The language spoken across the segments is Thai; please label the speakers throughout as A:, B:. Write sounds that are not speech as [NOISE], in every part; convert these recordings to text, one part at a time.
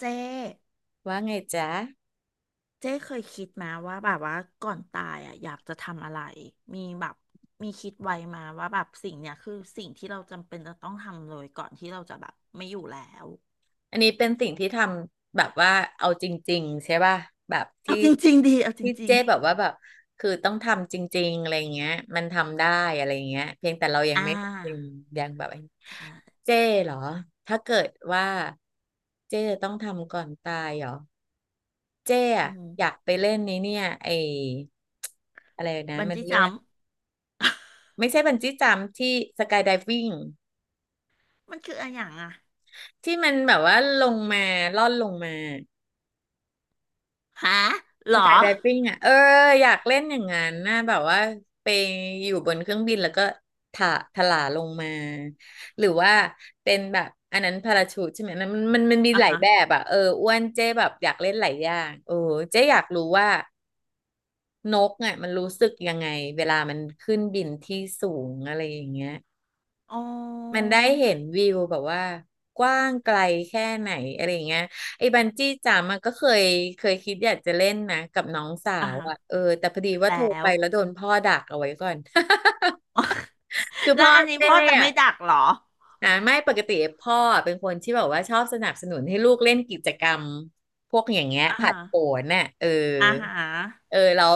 A: เจ๊
B: ว่าไงจ๊ะ
A: เจ๊เคยคิดมาว่าแบบว่าก่อนตายอ่ะอยากจะทำอะไรมีแบบมีคิดไว้มาว่าแบบสิ่งเนี้ยคือสิ่งที่เราจำเป็นจะต้องทำเลยก่อนที่เราจะแบบไม่อยู่แล้ว
B: อันนี้เป็นสิ่งที่ทำแบบว่าเอาจริงๆใช่ป่ะแบบ
A: เอา
B: ที่
A: จริงๆดีเอาจ
B: ที่
A: ริง
B: เจ๊แบบว่าแบบคือต้องทำจริงๆอะไรเงี้ยมันทำได้อะไรเงี้ยเพียงแต่เรา
A: ๆอ่า
B: ยังยังแบบไอ้
A: ใช่
B: เจ๊เหรอถ้าเกิดว่าเจ๊จะต้องทำก่อนตายเหรอเจ๊
A: อื
B: อะ
A: ม
B: อยากไปเล่นนี้เนี่ยไออะไรนะ
A: บัน
B: มัน
A: จี้
B: เรี
A: จั
B: ย
A: ม
B: ก
A: พ์
B: ไม่ใช่บันจี้จัมพ์ที่สกายไดวิ่ง
A: [LAUGHS] มันคืออะไรอย่างอ่ะ
B: ที่มันแบบว่าลงมาล่อนลงมา
A: ฮะหร
B: ส
A: อ
B: กายไดฟิ่งอ่ะเอออยากเล่นอย่างนั้นนะแบบว่าไปอยู่บนเครื่องบินแล้วก็ถะถลาลงมาหรือว่าเป็นแบบอันนั้นพาราชูทใช่ไหมนั้นมันมี
A: อ่ะ
B: หลาย
A: ฮะ
B: แบบอ่ะเอออ้วนเจ๊แบบอยากเล่นหลายอย่างโอ้เจ๊อยากรู้ว่านกอ่ะมันรู้สึกยังไงเวลามันขึ้นบินที่สูงอะไรอย่างเงี้ย
A: อ๋
B: มัน
A: อ
B: ได้เห็นวิวแบบว่ากว้างไกลแค่ไหนอะไรอย่างเงี้ยไอ้บันจี้จัมป์อะก็เคยคิดอยากจะเล่นนะกับน้องสา
A: อ่ะ
B: ว
A: ฮะ
B: อะเออแต่พอดีว่า
A: แล้
B: โทรไป
A: ว
B: แล้วโดนพ่อดักเอาไว้ก่อน [LAUGHS] คือ
A: [LAUGHS] แล้ว
B: พ่อ
A: อันนี้
B: เจ๊
A: พ่อจะไม่
B: อะ
A: ดักหรอ
B: อ่าไม่ปกติพ่อเป็นคนที่แบบว่าชอบสนับสนุนให้ลูกเล่นกิจกรรมพวกอย่างเงี้ย
A: อ่ะ
B: ผลั
A: ฮะ
B: ดโผนน่ะเออ
A: อ่ะฮ
B: เอ
A: ะ
B: อแล้ว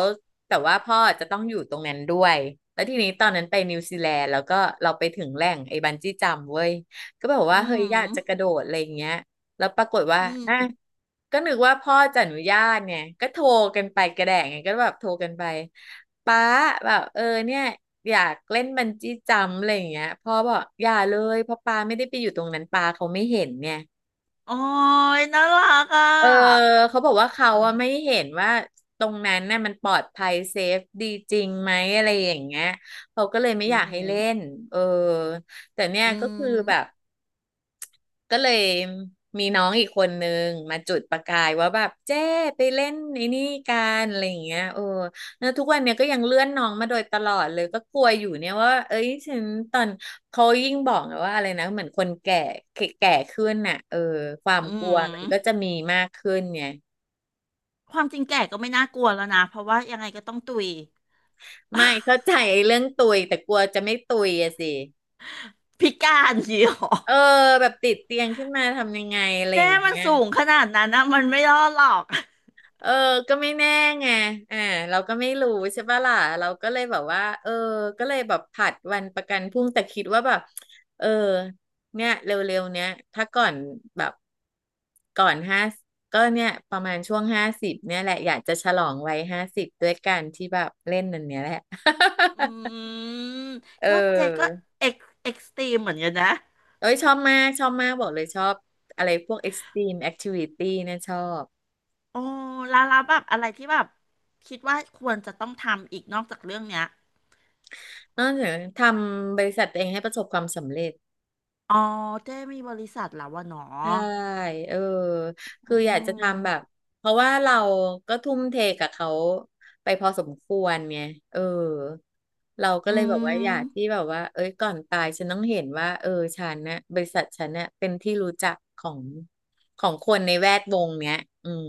B: แต่ว่าพ่อจะต้องอยู่ตรงนั้นด้วยแล้วทีนี้ตอนนั้นไปนิวซีแลนด์แล้วก็เราไปถึงแหล่งไอ้บันจี้จัมป์เว้ยก็แบบ
A: อื
B: ว่าเฮ้ย
A: ม
B: อยากจะกระโดดอะไรอย่างเงี้ยแล้วปรากฏว่า
A: อื
B: อ่ะ
A: ม
B: ก็นึกว่าพ่อจะอนุญาตเนี่ยก็โทรกันไปกระแดงไงก็แบบโทรกันไปป้าแบบเออเนี่ยอยากเล่นบันจี้จัมป์อะไรอย่างเงี้ยพ่อบอกอย่าเลยเพราะป้าไม่ได้ไปอยู่ตรงนั้นป้าเขาไม่เห็นเนี่ย
A: โอ้ยน่ารักอ่
B: เออ
A: ะ
B: เขาบอกว่าเขาอะไม่เห็นว่าตรงนั้นน่ะมันปลอดภัยเซฟดีจริงไหมอะไรอย่างเงี้ยเขาก็เลยไม่
A: อื
B: อ
A: อ
B: ยาก
A: หื
B: ให้
A: อ
B: เล่นเออแต่เนี่ย
A: อื
B: ก็คือ
A: ม
B: แบบ ก็เลยมีน้องอีกคนนึงมาจุดประกายว่าแบบเจ้ไปเล่นไอ้นี่กันอะไรอย่างเงี้ยเออแล้วทุกวันเนี้ยก็ยังเลื่อนน้องมาโดยตลอดเลยก็กลัวอยู่เนี่ยว่าเอ้ยฉันตอนเขายิ่งบอกว่าอะไรนะเหมือนคนแก่แก่แกขึ้นน่ะเออความ
A: อื
B: กลัวมันก็
A: ม
B: จะมีมากขึ้นไง
A: ความจริงแก่ก็ไม่น่ากลัวแล้วนะเพราะว่ายังไงก็ต้องตุย
B: ไม่เข้าใจไอ้เรื่องตุยแต่กลัวจะไม่ตุยอะสิ
A: พิการอย่างนี้หรอ
B: เออแบบติดเตียงขึ้นมาทำยังไงอะไรอ
A: เจ๊
B: ย่าง
A: มัน
B: เงี้ย
A: สูงขนาดนั้นนะมันไม่รอดหรอก
B: เออก็ไม่แน่ไงอ่าเราก็ไม่รู้ใช่ปะล่ะเราก็เลยแบบว่าเออก็เลยแบบผัดวันประกันพรุ่งแต่คิดว่าแบบเออเนี่ยเร็วๆเนี้ยถ้าก่อนแบบก่อนห้าก็เนี่ยประมาณช่วงห้าสิบเนี่ยแหละอยากจะฉลองวัยห้าสิบด้วยการที่แบบเล่นนันเนี้ยแหละ
A: อืม
B: [LAUGHS] เ
A: ก็เจ๊ก็
B: ออ
A: เอ็กเอ็กซ์ตรีมเหมือนกันนะ
B: เอ้ยชอบมากชอบมากบอกเลยชอบอะไรพวก extreme activity เนี่ยชอบ
A: โอ้แล้วแล้วแบบอะไรที่แบบคิดว่าควรจะต้องทำอีกนอกจากเรื่องเนี้ย
B: นอกจากทำบริษัทตัวเองให้ประสบความสำเร็จ
A: อ๋อเจ๊มีบริษัทแล้ววะเนาะ
B: ใช่เออ
A: อื
B: คืออยากจะทำแบบ
A: ม
B: เพราะว่าเราก็ทุ่มเทกับเขาไปพอสมควรไงเออเราก็
A: อื
B: เลยแบบว่าอยากที่
A: ม
B: แบบว่าเอ้ยก่อนตายฉันต้องเห็นว่าเออฉันนะบริษัทฉันเนี่ยเป็นที่รู้จักของคนในแวดวงเนี้ยอืม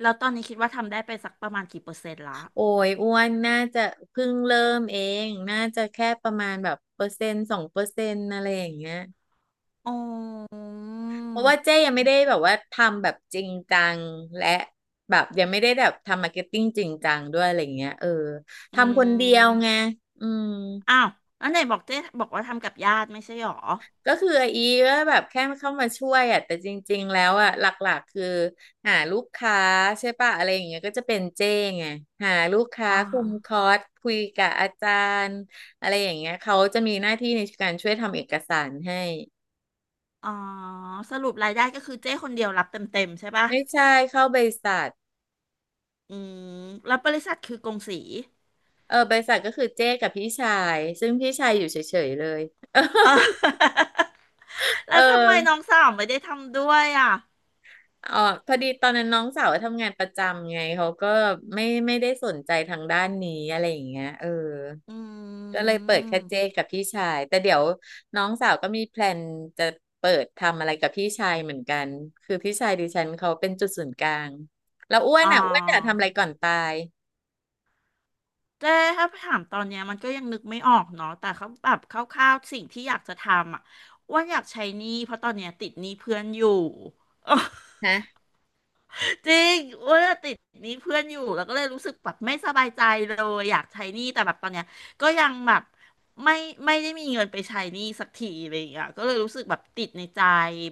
A: แล้วตอนนี้คิดว่าทำได้ไปสักประมาณกี่เปอร์เซ็นต์ละ
B: โอ้ยอ้วนน่าจะเพิ่งเริ่มเองน่าจะแค่ประมาณแบบเปอร์เซ็นต์สองเปอร์เซ็นต์อะไรอย่างเงี้ย
A: อ๋อ
B: เพราะว่าเจ๊ยังไม่ได้แบบว่าทำแบบจริงจังและแบบยังไม่ได้แบบทำมาร์เก็ตติ้งจริงจังด้วยอะไรเงี้ยเออ
A: อื
B: ทำคนเดียวไง
A: ม
B: อืม
A: อ้าว แล้วไหนบอกเจ๊บอกว่าทำกับญาติไม่ใช่หรอ
B: ก็คือไออีก็แบบแค่เข้ามาช่วยอ่ะแต่จริงๆแล้วอ่ะหลักๆคือหาลูกค้าใช่ปะอะไรอย่างเงี้ยก็จะเป็นเจ้ไงหาลูกค้า
A: อ๋อ
B: คุมคอร์สคุยกับอาจารย์อะไรอย่างเงี้ยเขาจะมีหน้าที่ในการช่วยทำเอกสารให้
A: อ๋อสรุปรายได้ก็คือเจ๊คนเดียวรับเต็มๆใช่ปะ
B: ไม่ใช่เข้าบริษัท
A: อืมแล้วบริษัทคือกงสี
B: เออใบริษัทก็คือเจ้กับพี่ชาย ซึ่งพี่ชายอยู่เฉยๆเลย
A: เออ
B: [LAUGHS]
A: [LAUGHS] แล้
B: เอ
A: วทำไมน้อง
B: อ
A: สาวไม่ได้ทำด้วยอ่ะ
B: อ๋อพอดีตอนนั้นน้องสาวทำงานประจำไงเขาก็ไม่ได้สนใจทางด้านนี้อะไรอย่างเงี้ยเออ
A: อื
B: ก็เลยเปิดแค่เจ้
A: ม
B: กับพี่ชายแต่เดี๋ยวน้องสาวก็มีแพลนจะเปิดทำอะไรกับพี่ชายเหมือนกันคือพี่ชายดิฉันเขาเป็นจุดศูนย์กลางแล้วอ้วน
A: อ๋อ
B: อ่ะอ้วนจะทำอะไรก่อนตาย
A: เจ๊ถ้าถามตอนเนี้ยมันก็ยังนึกไม่ออกเนาะแต่เขาแบบคร่าวๆสิ่งที่อยากจะทำอ่ะอ้ว่าอยากใช้หนี้เพราะตอนเนี้ยติดหนี้เพื่อนอยู่ [LAUGHS]
B: ฮะ
A: จริงอ้ว่าติดหนี้เพื่อนอยู่แล้วก็เลยรู้สึกแบบไม่สบายใจเลยอยากใช้หนี้แต่แบบตอนเนี้ยก็ยังแบบไม่ไม่ได้มีเงินไปใช้หนี้สักทีอะไรอย่างเงี้ยก็เลยรู้สึกแบบติดในใจ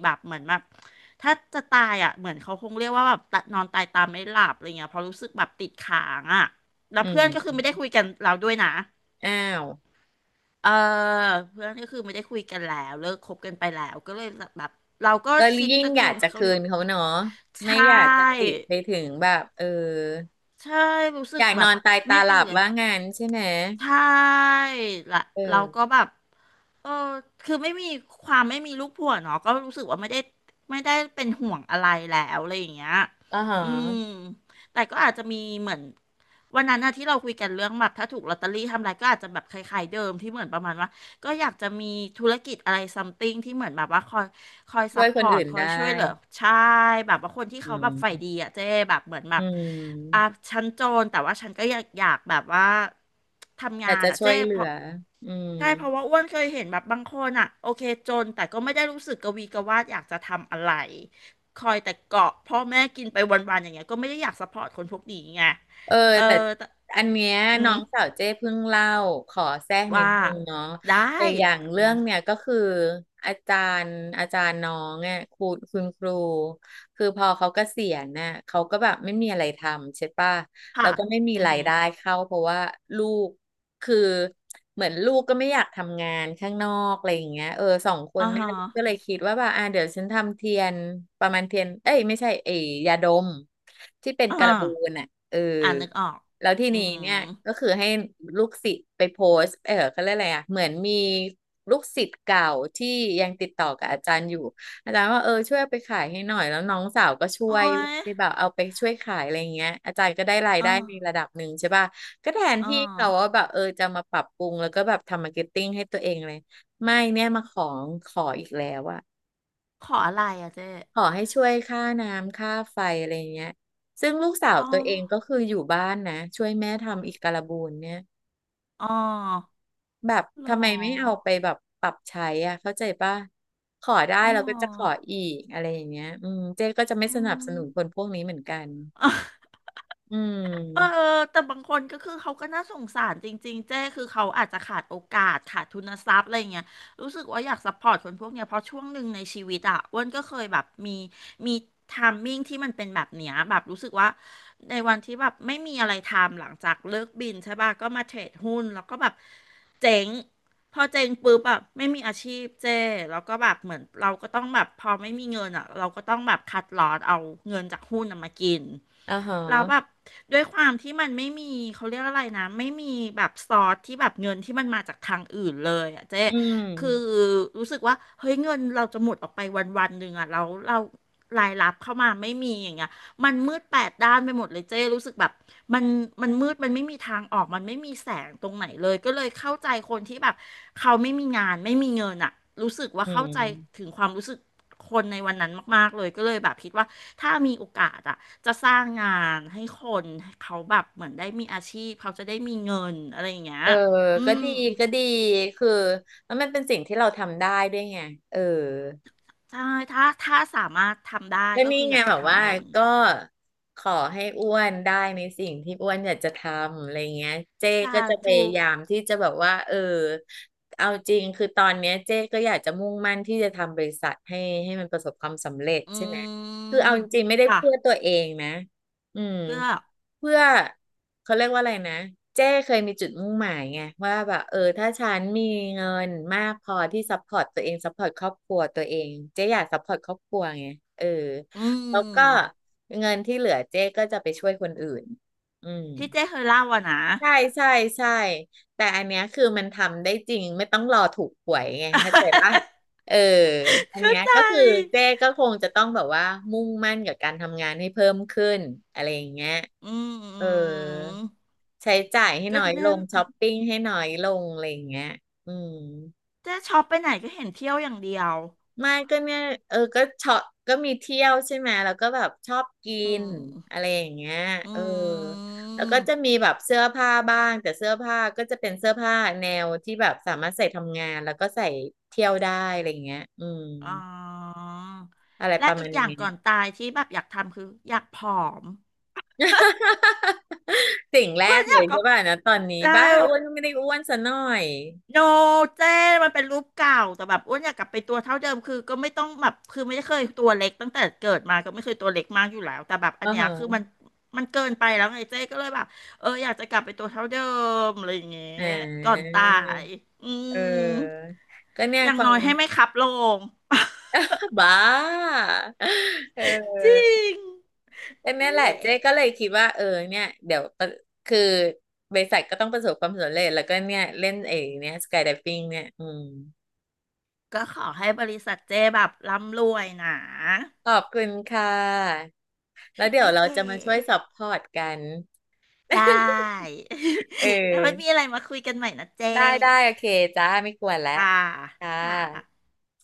A: แบบเหมือนแบบถ้าจะตายอ่ะเหมือนเขาคงเรียกว่าแบบตะนอนตายตามไม่หลับอะไรเงี้ยเพราะรู้สึกแบบติดค้างอ่ะแล้
B: อื
A: วเพื่อนก็คือไม่
B: ม
A: ได้คุยกันเราด้วยนะ
B: อ้าว
A: เออเพื่อนก็คือไม่ได้คุยกันแล้วเลิกคบกันไปแล้วก็เลยแบบเราก็
B: เรา
A: คิด
B: ยิ่ง
A: จะ
B: อ
A: คื
B: ยาก
A: น
B: จะ
A: เขา
B: คื
A: อยู่
B: นเขาเนาะไม่
A: ใช่
B: อยากจะติดไปถึงแบบ
A: ใช่รู้สึ
B: อ
A: ก
B: ยาก
A: แบ
B: นอ
A: บ
B: นตาย
A: ไม่
B: ตาห
A: ดี
B: ลับ
A: เลย
B: ว่างั้นใช่ไหม
A: ใช่ละ
B: เอ
A: เราก็
B: อ
A: แบบเออคือไม่มีความไม่มีลูกผัวเนาะก็รู้สึกว่าไม่ได้ไม่ได้เป็นห่วงอะไรแล้วอะไรอย่างเงี้ย
B: อ่าฮะ
A: อืมแต่ก็อาจจะมีเหมือนวันนั้นนะที่เราคุยกันเรื่องแบบถ้าถูกลอตเตอรี่ทำอะไรก็อาจจะแบบคล้ายๆเดิมที่เหมือนประมาณว่าก็อยากจะมีธุรกิจอะไรซัมติงที่เหมือนแบบว่าคอย คอย
B: ช่
A: ซั
B: วย
A: พพ
B: คน
A: อร์ต
B: อื่น
A: คอย
B: ได้
A: ช่วยเหลือใช่แบบว่าคนที่
B: อื
A: เขาแบบฝ่าย
B: ม
A: ดีอ่ะเจ๊แบบเหมือนแบ
B: อื
A: บอ่ะ
B: ม
A: ฉันโจรแต่ว่าฉันก็อยากแบบว่าทำ
B: อ
A: งา
B: ยาก
A: น
B: จะ
A: อ่ะ
B: ช่ว
A: เจ๊
B: ยเหลื
A: เพ
B: อ
A: ราะ
B: อืม
A: ใช่เพราะว่าอ้วนเคยเห็นแบบบางคนอ่ะโอเคจนแต่ก็ไม่ได้รู้สึกกระวีกระวาดอยากจะทำอะไรคอยแต่เกาะพ่อแม่กินไปวันๆอย่างเงี้ยก็ไม่ได้อยากซัพพอร์ตคนพวกนี้ไง
B: เออ
A: เออ
B: แต่
A: แต่
B: อันเนี้ย
A: อื
B: น้อ
A: ม
B: งสาวเจ้เพิ่งเล่าขอแทรกนิด
A: ว่า
B: นึงเนาะ
A: ได้
B: แต่อย่าง
A: อื
B: เรื่อง
A: ม
B: เนี่ยก็คืออาจาอาจารย์น้องเนี่ยคุณครูคือพอเขาเกษียณน่ะเขาก็แบบไม่มีอะไรทำใช่ป่ะแล้
A: ค่ะ
B: วก็ไม่มี
A: อือ
B: ราย
A: หือ
B: ได้เข้าเพราะว่าลูก คือเหมือนลูกก็ไม่อยากทำงานข้างนอกอะไรอย่างเงี้ยเออสองคน
A: อ่า
B: แม่
A: ฮะ
B: ลูกก็เลยคิดว่าแบบอ่าเดี๋ยวฉันทำเทียนประมาณเทียนเอ้ยไม่ใช่เอยยาดมที่เป็น
A: อ่า
B: การบูนอ่ะเออ
A: อ่านึกออก
B: แล้วที
A: อือ
B: นี้
A: หือ
B: เนี่ยก็คือให้ลูกศิษย์ไปโพสต์เขาเรียกอะไรอ่ะเหมือนมีลูกศิษย์เก่าที่ยังติดต่อกับอาจารย์อยู่อาจารย์ว่าเออช่วยเอาไปขายให้หน่อยแล้วน้องสาวก็ช่
A: โอ้
B: วย
A: ย
B: ได้แบบเอาไปช่วยขายอะไรอย่างเงี้ยอาจารย์ก็ได้ราย
A: อ๋อ
B: ได้ในระดับหนึ่งใช่ป่ะ ก็แทน
A: อ๋อ
B: ที่เราว่าแบบเออจะมาปรับปรุงแล้วก็แบบทำมาร์เก็ตติ้งให้ตัวเองเลยไม่เนี่ยมาของขออีกแล้วอะ
A: ขออะไรอ่ะเจ๊
B: ขอให้ช่วยค่าน้ำค่าไฟอะไรเงี้ยซึ่งลูกสาว
A: อ๋อ
B: ตัวเองก็คืออยู่บ้านนะช่วยแม่ทำอีกการบูนเนี่ย
A: อ๋อ
B: แบบ
A: หร
B: ทำไมไม่เอา
A: อ
B: ไปแบบปรับใช้อ่ะเข้าใจป่ะขอได้
A: อ๋
B: เราก็จะขอ
A: อ
B: อีกอะไรอย่างเงี้ยอืมเจ๊ก็จะไม่
A: อื
B: สนับส
A: ม
B: นุนคนพวกนี้เหมือนกันอื
A: เออ
B: ม
A: แต่บางคนก็คือเขาก็น่าสงสารจริงๆเจ้คือเขาอาจจะขาดโอกาสขาดทุนทรัพย์อะไรเงี้ยรู้สึกว่าอยากซัพพอร์ตคนพวกเนี้ยเพราะช่วงหนึ่งในชีวิตอ่ะอ้วนก็เคยแบบมีมีไทามมิ่งที่มันเป็นแบบเนี้ยแบบรู้สึกว่าในวันที่แบบไม่มีอะไรทำหลังจากเลิกบินใช่ป่ะก็มาเทรดหุ้นแล้วก็แบบเจ๊งพอเจ๊งปุ๊บแบบไม่มีอาชีพเจ้แล้วก็แบบเหมือนเราก็ต้องแบบพอไม่มีเงินอ่ะเราก็ต้องแบบคัดลอสเอาเงินจากหุ้นน่ะมากิน
B: อ่าฮะ
A: แล้วแบบด้วยความที่มันไม่มีเขาเรียกอะไรนะไม่มีแบบซอสที่แบบเงินที่มันมาจากทางอื่นเลยอ่ะเจ๊
B: อื
A: คือ
B: ม
A: รู้สึกว่าเฮ้ยเงินเราจะหมดออกไปวันวันหนึ่งอ่ะแล้วเรารายรับเข้ามาไม่มีอย่างเงี้ย มันมืดแปดด้านไปหมดเลยเจ้รู้สึกแบบมันมันมืดมันไม่มีทางออกมันไม่มีแสงตรงไหนเลยก็เลยเข้าใจคนที่แบบเขาไม่มีงานไม่มีเงินอะรู้สึกว่า
B: อื
A: เข้าใจ
B: ม
A: ถึงความรู้สึกคนในวันนั้นมากๆเลยก็เลยแบบคิดว่าถ้ามีโอกาสอะจะสร้างงานให้คนให้เขาแบบเหมือนได้มีอาชีพเขาจะได้มีเงินอะไรอย่างเงี้ย
B: เออ
A: อื
B: ก็
A: ม
B: ดี ก็ดี คือแล้วมันเป็นสิ่งที่เราทำได้ด้วยไงเออ
A: ใช่ถ้าสามารถทำได้
B: ก็
A: ก็
B: นี่
A: คืออ
B: ไง
A: ยากจะ
B: แบบ
A: ทำ
B: ว่า
A: อะไรอย่างนี้
B: ก็ขอให้อ้วนได้ในสิ่งที่อ้วนอยากจะทำอะไรเงี้ยเจ๊
A: สา
B: ก็จะพ
A: ธุ
B: ยายามที่จะแบบว่าเออเอาจริงคือตอนเนี้ยเจ๊ก็อยากจะมุ่งมั่นที่จะทำบริษัทให้มันประสบความสำเร็จ
A: อื
B: ใช่ไหมคือ
A: ม
B: เอาจริงไม่ได้
A: ค่ะ
B: เพื่อตัวเองนะอืม
A: เพื่อ
B: เพื่อเขาเรียกว่าอะไรนะเจ้เคยมีจุดมุ่งหมายไงว่าแบบเออถ้าฉันมีเงินมากพอที่ซัพพอร์ตตัวเองซัพพอร์ตครอบครัวตัวเองเจ๊อยากซัพพอร์ตครอบครัวไงเออ
A: อื
B: แล้วก็
A: ม
B: เงินที่เหลือเจ๊ก็จะไปช่วยคนอื่นอืม
A: ที่เจ้เคยเล่าอะนะ
B: ใช่ใช่ใช่แต่อันเนี้ยคือมันทำได้จริงไม่ต้องรอถูกหวยไงเข้าใจปะเออ
A: [LAUGHS]
B: อัน
A: เข้า
B: เนี้ย
A: ใจ
B: ก็คือเจ๊ก็คงจะต้องแบบว่ามุ่งมั่นกับการทำงานให้เพิ่มขึ้นอะไรอย่างเงี้ย
A: อื
B: เออ
A: ม
B: ใช้จ่ายให้
A: ก็
B: น้อยล
A: เนี่ย
B: งช้อปปิ้งให้น้อยลงอะไรอย่างเงี้ยอืม
A: เจ๊ชอบไปไหนก็เห็นเที่ยวอย่างเดียว
B: ไม่ก็เนี่ยเออก็ชอบก็มีเที่ยวใช่ไหมแล้วก็แบบชอบกิ
A: อื
B: น
A: ม
B: อะไรอย่างเงี้ย
A: อื
B: เออ
A: ม
B: แล้วก็จะมีแบบเสื้อผ้าบ้างแต่เสื้อผ้าก็จะเป็นเสื้อผ้าแนวที่แบบสามารถใส่ทำงานแล้วก็ใส่เที่ยวได้อะไรอย่างเงี้ยอืม
A: อ๋อ
B: อะไรป
A: และ
B: ระมา
A: อีก
B: ณ
A: อย่าง
B: เนี้ย
A: ก่อนตายที่แบบอยากทำคืออยากผอม
B: [LAUGHS] สิ่งแร
A: เออ
B: ก
A: อ
B: เล
A: ยาก
B: ย
A: กั
B: ใช่
A: บ
B: ป่ะนะตอนนี้
A: ได้
B: บ้าอ้วนก็ไม่ได้อ้วนซะหน่อย
A: โนเจ้มันเป็นรูปเก่าแต่แบบอ้วนอยากกลับไปตัวเท่าเดิมคือก็ไม่ต้องแบบคือไม่เคยตัวเล็กตั้งแต่เกิดมาก็ไม่เคยตัวเล็กมากอยู่แล้วแต่แบบอั
B: อ๋อ
A: นเนี้ยคือมั
B: ฮะ
A: นมันเกินไปแล้วไงเจ้ก็เลยแบบเอออยากจะกลับไปตัวเท่าเดิมอะไรอย่างเงี้ย
B: อ่
A: ก่อน
B: า
A: ตาย [LAUGHS] อื
B: เอ
A: ม
B: อก็เนี่ย
A: อย่า
B: ค
A: ง
B: วา
A: น้
B: ม
A: อยให้ไม่ขับลง
B: [LAUGHS] บ้า [LAUGHS] เ
A: [LAUGHS] จริ
B: ออ
A: ง
B: แต่นั่
A: นั่
B: น
A: น
B: แหละ
A: แหละ
B: เจ๊ก็เลยคิดว่าเออเนี่ยเดี๋ยวประคือบริษัทก็ต้องประสบความสำเร็จแล้วก็เนี่ยเล่นเองเนี่ยสกายไดฟิ่งเนี่ยอืม
A: ก็ขอให้บริษัทเจ้แบบร่ำรวยนะ
B: ขอบคุณค่ะแล้ว
A: [LAUGHS]
B: เดี๋
A: โอ
B: ยวเรา
A: เค
B: จะมาช่วยซัพพอร์ตกัน [LAUGHS]
A: ได้
B: เอ
A: [LAUGHS] แล้วไม่มี
B: อ
A: อะไรมาคุยกันใหม่นะเจ้
B: ได้ได้โอเคจ้าไม่กวนแล้ว
A: อ่า
B: ค่
A: ค่ะ
B: ะ